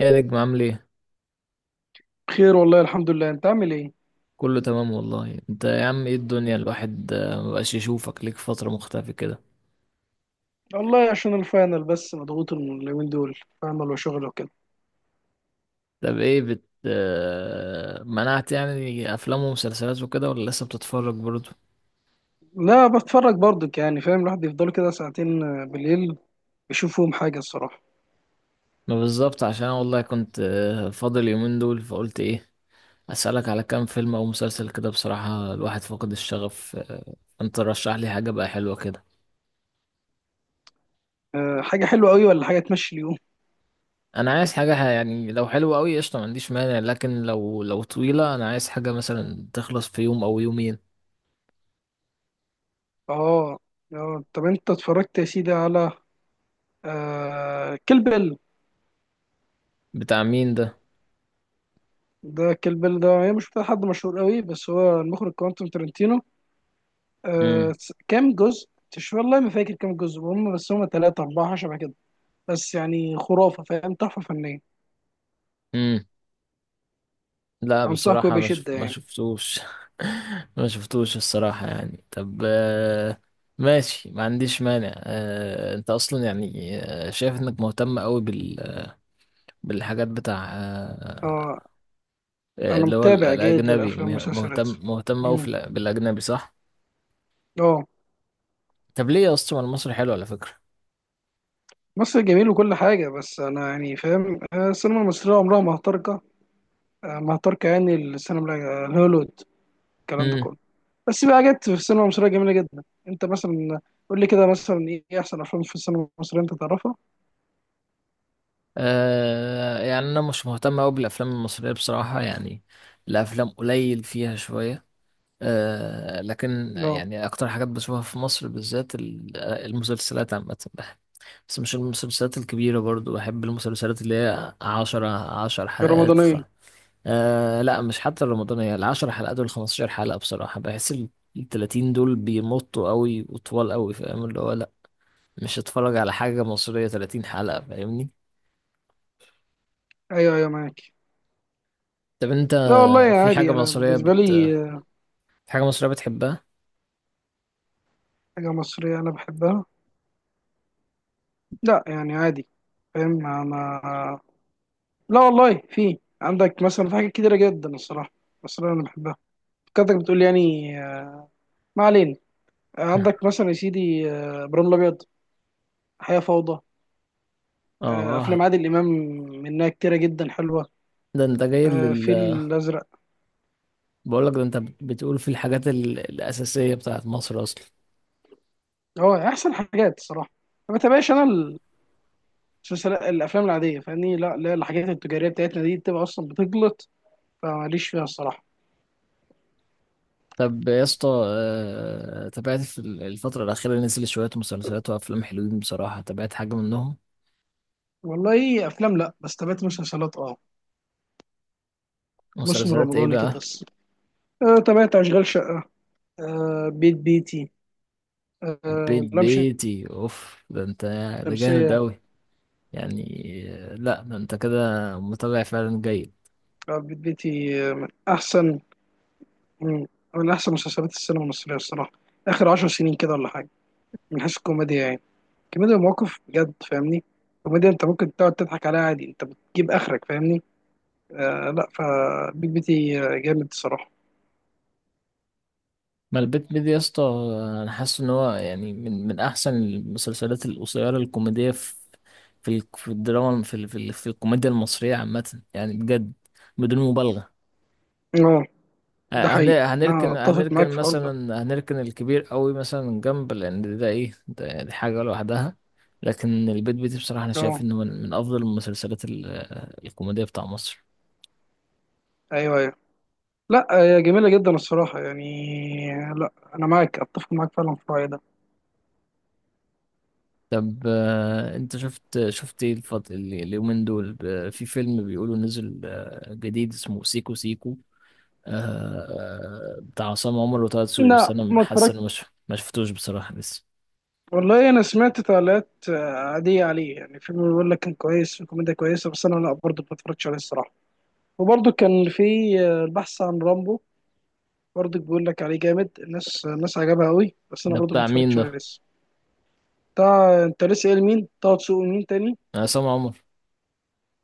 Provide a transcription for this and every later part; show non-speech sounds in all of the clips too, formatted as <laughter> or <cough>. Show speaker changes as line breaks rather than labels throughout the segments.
ايه يا نجم عامل ايه؟
خير والله الحمد لله. انت عامل ايه؟
كله تمام والله. انت يا عم ايه الدنيا الواحد مبقاش يشوفك، ليك فترة مختفي كده.
والله عشان الفاينل بس، مضغوط اليومين دول. فاينل وشغل وكده.
طب ايه بت منعت يعني افلام ومسلسلات وكده ولا لسه بتتفرج برضه؟
لا، بتفرج برضك يعني، فاهم؟ الواحد يفضل كده ساعتين بالليل، يشوف فيهم حاجه الصراحه.
ما بالظبط، عشان انا والله كنت فاضل يومين دول. فقلت ايه اسألك على كام فيلم او مسلسل كده. بصراحة الواحد فقد الشغف. انت رشح لي حاجة بقى حلوة كده.
أه، حاجه حلوه قوي ولا حاجه تمشي اليوم؟
انا عايز حاجة يعني لو حلوة قوي قشطة ما عنديش مانع، لكن لو طويلة انا عايز حاجة مثلا تخلص في يوم او يومين.
اه. اه، طب انت اتفرجت يا سيدي على أه كيل بيل؟
بتاع مين ده؟
ده كيل بيل ده، هي مش بتاع حد مشهور قوي، بس هو المخرج كوانتوم ترنتينو. أه
امم،
كام جزء. مش والله ما فاكر كام جزء هم، بس هم ثلاثة أربعة شبه كده. بس يعني خرافة، فاهم، تحفة فنية.
امم، لا
أنصحك
بصراحة
بشدة
ما
يعني.
شفتوش. <laughs> ما شفتوش الصراحة. يعني طب ماشي ما عنديش مانع. انت اصلا يعني شايف انك مهتم قوي بالحاجات بتاع،
اه. أنا
اللي هو
متابع جيد
الاجنبي،
للأفلام
مهتم
والمسلسلات.
مهتم قوي في
مم.
بالاجنبي صح؟
اه.
طب ليه يا اسطى؟ ما المصري حلو على فكرة.
مصر جميل وكل حاجة، بس أنا يعني فاهم السينما المصرية عمرها ما هتركة. ما هتركة يعني السينما الهوليوود، الكلام ده
امم.
كله. بس في حاجات في السينما المصرية جميلة جدا. أنت مثلا قول لي كده، مثلا إيه أحسن أفلام في السينما المصرية أنت تعرفها؟
آه يعني انا مش مهتم قوي بالافلام المصرية بصراحة. يعني الافلام قليل فيها شوية. آه لكن
اه.
يعني أكتر حاجات بشوفها في مصر بالذات المسلسلات عامة. بس مش المسلسلات الكبيرة. برضو بحب المسلسلات اللي هي عشرة، عشر حلقات
الرمضانية.
آه لا مش حتى الرمضانية. العشر حلقات والخمستاشر حلقة بصراحة بحس التلاتين دول بيمطوا قوي وطوال قوي. فاهم اللي هو لا، مش هتفرج على حاجة مصرية تلاتين حلقة، فاهمني؟
أيوه أيوه، معاك.
طب انت
لا والله
في حاجة
عادي. أنا
مصرية
بالنسبة لي
في حاجة مصرية بتحبها؟
حاجة مصرية أنا بحبها. لا يعني عادي. فاهم أنا. لا والله في عندك مثلا في حاجات كتيرة جدا الصراحة بس أنا بحبها. كنتك بتقول يعني. آه، ما علينا. عندك
<laughs>
مثلا يا سيدي إبراهيم الأبيض، حياة فوضى،
اه،
أفلام عادل إمام، منها كتيرة جدا حلوة.
ده انت جاي لل
الفيل الأزرق.
بقول لك ده انت بتقول في الحاجات الاساسيه بتاعت مصر اصلا.
هو أحسن حاجات الصراحة. ما بتابعش أنا المسلسلات، الأفلام العادية فاهمني. لا لا، الحاجات التجارية بتاعتنا دي بتبقى أصلا بتغلط، فماليش فيها الصراحة.
طب يا اسطى تابعت في الفتره الاخيره نزل شويه مسلسلات وافلام حلوين بصراحه؟ تابعت حاجه منهم؟
والله أفلام لا، بس تابعت مسلسلات أه. موسم
مسلسلات ايه
رمضاني كده
بقى؟
بس. تابعت أشغال شقة، بيت بيتي،
البيت
لام
بيتي اوف! ده انت، ده جامد
شمسية.
قوي يعني. لا ده انت كده متابع فعلا جيد.
بيت بيتي من أحسن، من من أحسن مسلسلات السينما المصرية الصراحة آخر عشر سنين كده، ولا حاجة. من حيث الكوميديا يعني، كوميديا المواقف بجد فاهمني. كوميديا أنت ممكن تقعد تضحك عليها عادي، أنت بتجيب آخرك فاهمني. آه لا، فبيت بيتي جامد الصراحة.
ما البيت بيدي يا اسطى انا حاسس ان هو يعني من احسن المسلسلات القصيره الكوميديه في، في في الدراما، في في في الكوميديا المصريه عامه يعني، بجد بدون مبالغه.
أه. ده حقيقي، أنا
هنركن
أتفق
هنركن
معاك في الحوار ده.
مثلا، هنركن الكبير قوي مثلا من جنب لان ده ايه؟ ده دي حاجه لوحدها. لكن البيت بيتي بصراحه انا شايف
أه.
انه من من افضل المسلسلات الكوميديه بتاع مصر.
أيوه أيوه. لا هي جميلة جدا الصراحة يعني. لا أنا معاك، أتفق معاك فعلا في الرأي ده.
طب انت شفت ايه اليومين دول في فيلم بيقولوا نزل جديد اسمه سيكو سيكو، بتاع عصام عمر وطه دسوقي؟ بس
لا
انا
ما
حاسس ان
اتفرجتش.
مش، ما شفتوش بصراحة لسه.
والله انا سمعت تعليقات عاديه عليه يعني، فيلم بيقول لك كان كويس وكوميديا كويسه، بس انا لا برضه ما اتفرجتش عليه الصراحه. وبرضه كان في البحث عن رامبو. برضه بيقول لك عليه جامد، الناس عجبها قوي، بس انا
ده
برضه ما
بتاع مين
اتفرجتش عليه
ده؟
لسه. بتاع انت لسه قايل مين؟ طه دسوقي، مين تاني؟
عصام عمر؟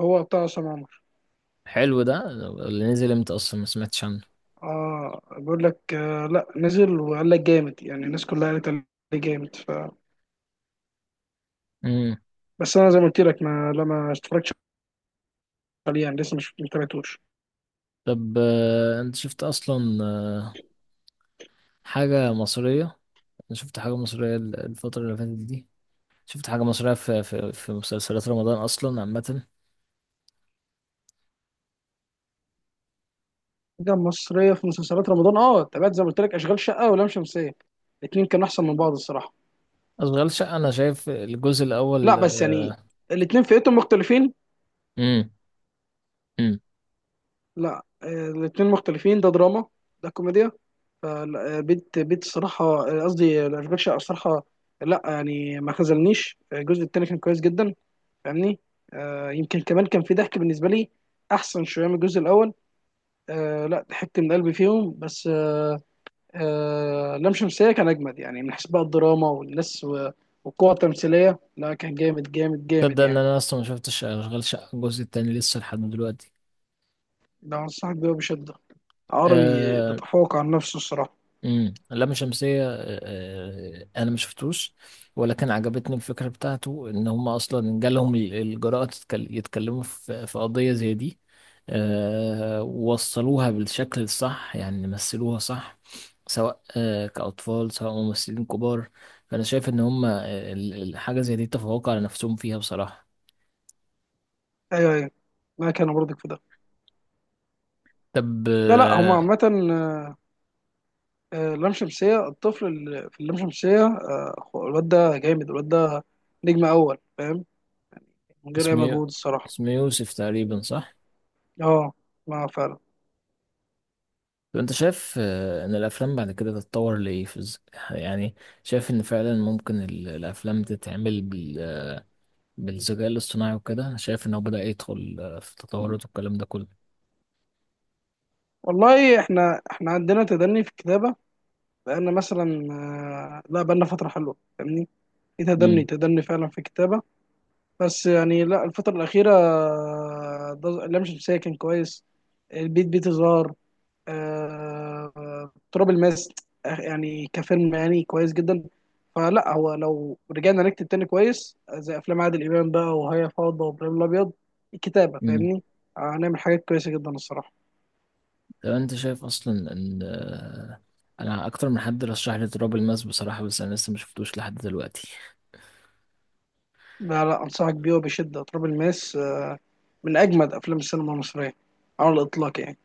هو بتاع عصام عمر.
حلو ده. اللي نزل امتى اصلا؟ ما سمعتش عنه.
اه بيقول لك، آه لا نزل وقال لك جامد يعني، الناس كلها قالت عليه جامد ف…
امم.
بس انا زي ما قلت لك ما اتفرجتش عليه يعني، لسه مش متابعتوش.
طب انت شفت اصلا حاجة مصرية؟ انا شفت حاجة مصرية الفترة اللي فاتت دي. شفت حاجة مصرية في، في، في مسلسلات رمضان اصلا عامة؟
حاجة مصرية في مسلسلات رمضان، اه تابعت زي ما قلت لك أشغال شقة ولام شمسية. الاتنين كانوا أحسن من بعض الصراحة.
اشغال شقه انا شايف الجزء
لا
الاول
بس يعني
آه،
الاتنين فئتهم مختلفين.
امم. امم.
لا الاتنين مختلفين، ده دراما ده كوميديا. فلا، بيت بيت الصراحة، قصدي أشغال شقة الصراحة. لا يعني ما خذلنيش الجزء التاني كان كويس جدا فاهمني. يمكن كمان كان في ضحك بالنسبة لي أحسن شوية من الجزء الأول. لا ضحكت من قلبي فيهم، بس لام شمسية كان أجمد يعني، من حيث بقى الدراما والناس والقوة التمثيلية. لا كان جامد جامد جامد
تصدق ان
يعني.
انا اصلا ما شفتش اشغال شقه الجزء التاني لسه لحد دلوقتي؟
ده أنصحك بيه بشدة، عربي
آه،
بيتفوق عن نفسه الصراحة.
امم، اللام شمسية، انا ما شفتوش، ولكن عجبتني الفكرة بتاعته ان هم اصلا جالهم الجراءة يتكلموا في، في قضية زي دي. ووصلوها بالشكل الصح يعني، مثلوها صح، سواء كأطفال سواء ممثلين كبار. فانا شايف ان هم الحاجة زي دي تفوقوا على نفسهم فيها بصراحة.
أيوه أيوه. ما كان برضك في ده.
طب
لا لا هما عامة لام شمسية، الطفل اللي في اللام شمسية هو الواد ده جامد، الواد ده نجم أول فاهم، من غير أي
اسمه،
مجهود الصراحة.
اسمه يوسف تقريبا صح؟
اه، ما فعلا.
طب انت شايف ان الافلام بعد كده تتطور لايه في يعني شايف ان فعلا ممكن الافلام تتعمل بالذكاء الاصطناعي وكده؟ أنا شايف ان هو بدأ يدخل في تطورات والكلام ده كله.
والله احنا عندنا تدني في الكتابة بقالنا مثلا لا بقالنا فترة حلوة فاهمني. في تدني
امم.
تدني فعلا في الكتابة. بس يعني لا الفترة الأخيرة، لام شمسية كان كويس، البيت بيت زهر، تراب الماس، يعني كفيلم يعني كويس جدا. فلا، هو لو رجعنا نكتب تاني كويس زي أفلام عادل إمام بقى وهي فوضى وإبراهيم الأبيض، الكتابة
امم.
فاهمني، هنعمل حاجات كويسة جدا الصراحة.
طب انت شايف اصلا ان انا اكتر من حد رشح لي تراب الماس بصراحة، بس انا لسه ما شفتوش لحد دلوقتي.
لا لا، أنصحك بيه وبشدة. تراب الماس من أجمد أفلام السينما المصرية على الإطلاق يعني.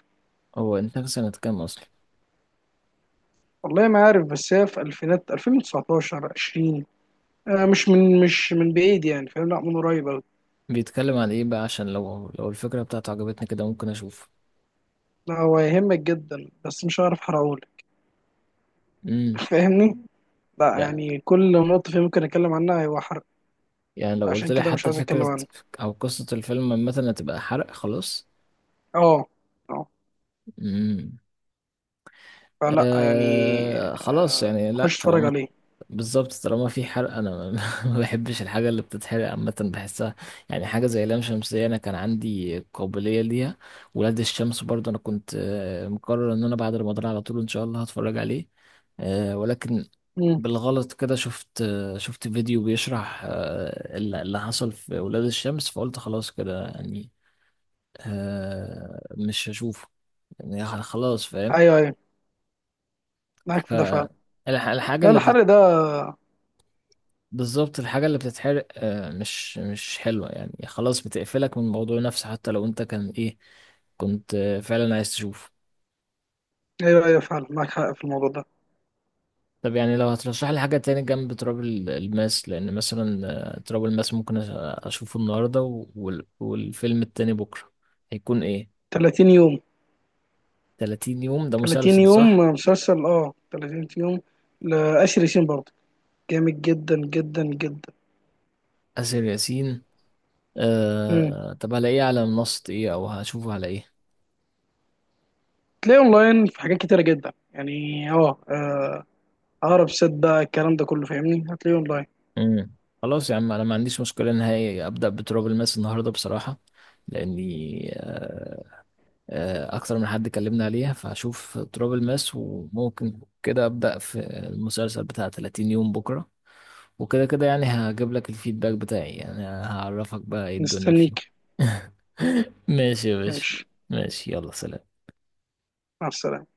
هو انت سنة كام اصلا؟
والله ما عارف، بس هي في الفينات 2019 20. آه مش من، مش من بعيد يعني فاهم، لا من قريب أوي.
بيتكلم عن ايه بقى؟ عشان لو، لو الفكرة بتاعته عجبتني كده ممكن اشوف.
لا هو يهمك جدا، بس مش هعرف احرقهولك.
امم.
<laughs> فاهمني، لا يعني كل نقطة فيه ممكن اتكلم عنها هيبقى حرق.
يعني لو قلت
عشان
لي
كده مش
حتى
عايز اتكلم
فكرة
عنه.
أو قصة الفيلم مثلا تبقى حرق خلاص.
اه. اه.
امم.
فلا يعني،
آه خلاص.
آه
يعني
خش
لا
اتفرج
طالما،
عليه.
بالظبط طالما في حرق أنا ما <laughs> ما بحبش الحاجة اللي بتتحرق عامة. بحسها يعني حاجة زي لام شمسية، أنا كان عندي قابلية ليها. ولاد الشمس برضه أنا كنت مقرر إن أنا بعد رمضان على طول إن شاء الله هتفرج عليه. آه ولكن
مم.
بالغلط كده شفت شفت فيديو بيشرح اللي حصل في ولاد الشمس، فقلت خلاص كده يعني. آه مش هشوفه يعني خلاص، فاهم؟
ايوه ايوه، معاك في ده فعلا.
فالحاجة
لا
اللي بتت...
الحرق ده…
بالظبط الحاجة اللي بتتحرق آه مش حلوة. يعني خلاص بتقفلك من الموضوع نفسه حتى لو انت كان ايه، كنت فعلا عايز تشوفه.
ايوه ايوه، فعلا معاك حق في الموضوع ده.
طب يعني لو هترشح لي حاجة تاني جنب تراب الماس، لأن مثلا تراب الماس ممكن أشوفه النهاردة والفيلم التاني بكرة، هيكون إيه؟
30 يوم.
30 يوم ده
30
مسلسل
يوم
صح؟
مسلسل، اه 30 يوم لآسر ياسين برضه، جامد جدا جدا جدا.
آسر ياسين.
امم،
آه... طب هلاقيه على منصة إيه أو هشوفه على إيه؟
تلاقيه اونلاين في حاجات كتيره جدا يعني. اه اقرب سيت بقى الكلام ده كله فاهمني، هتلاقيه اونلاين.
امم. خلاص يا عم انا ما عنديش مشكله نهائي ابدا. بتراب الماس النهارده بصراحه، لاني اكتر من حد كلمنا عليها، فهشوف تراب الماس وممكن كده ابدا في المسلسل بتاع 30 يوم بكره. وكده كده يعني هجيب لك الفيدباك بتاعي، يعني هعرفك بقى ايه الدنيا فيه.
مستنيك.
<laughs> ماشي يا باشا.
ماشي.
ماشي يلا سلام.
مع السلامه.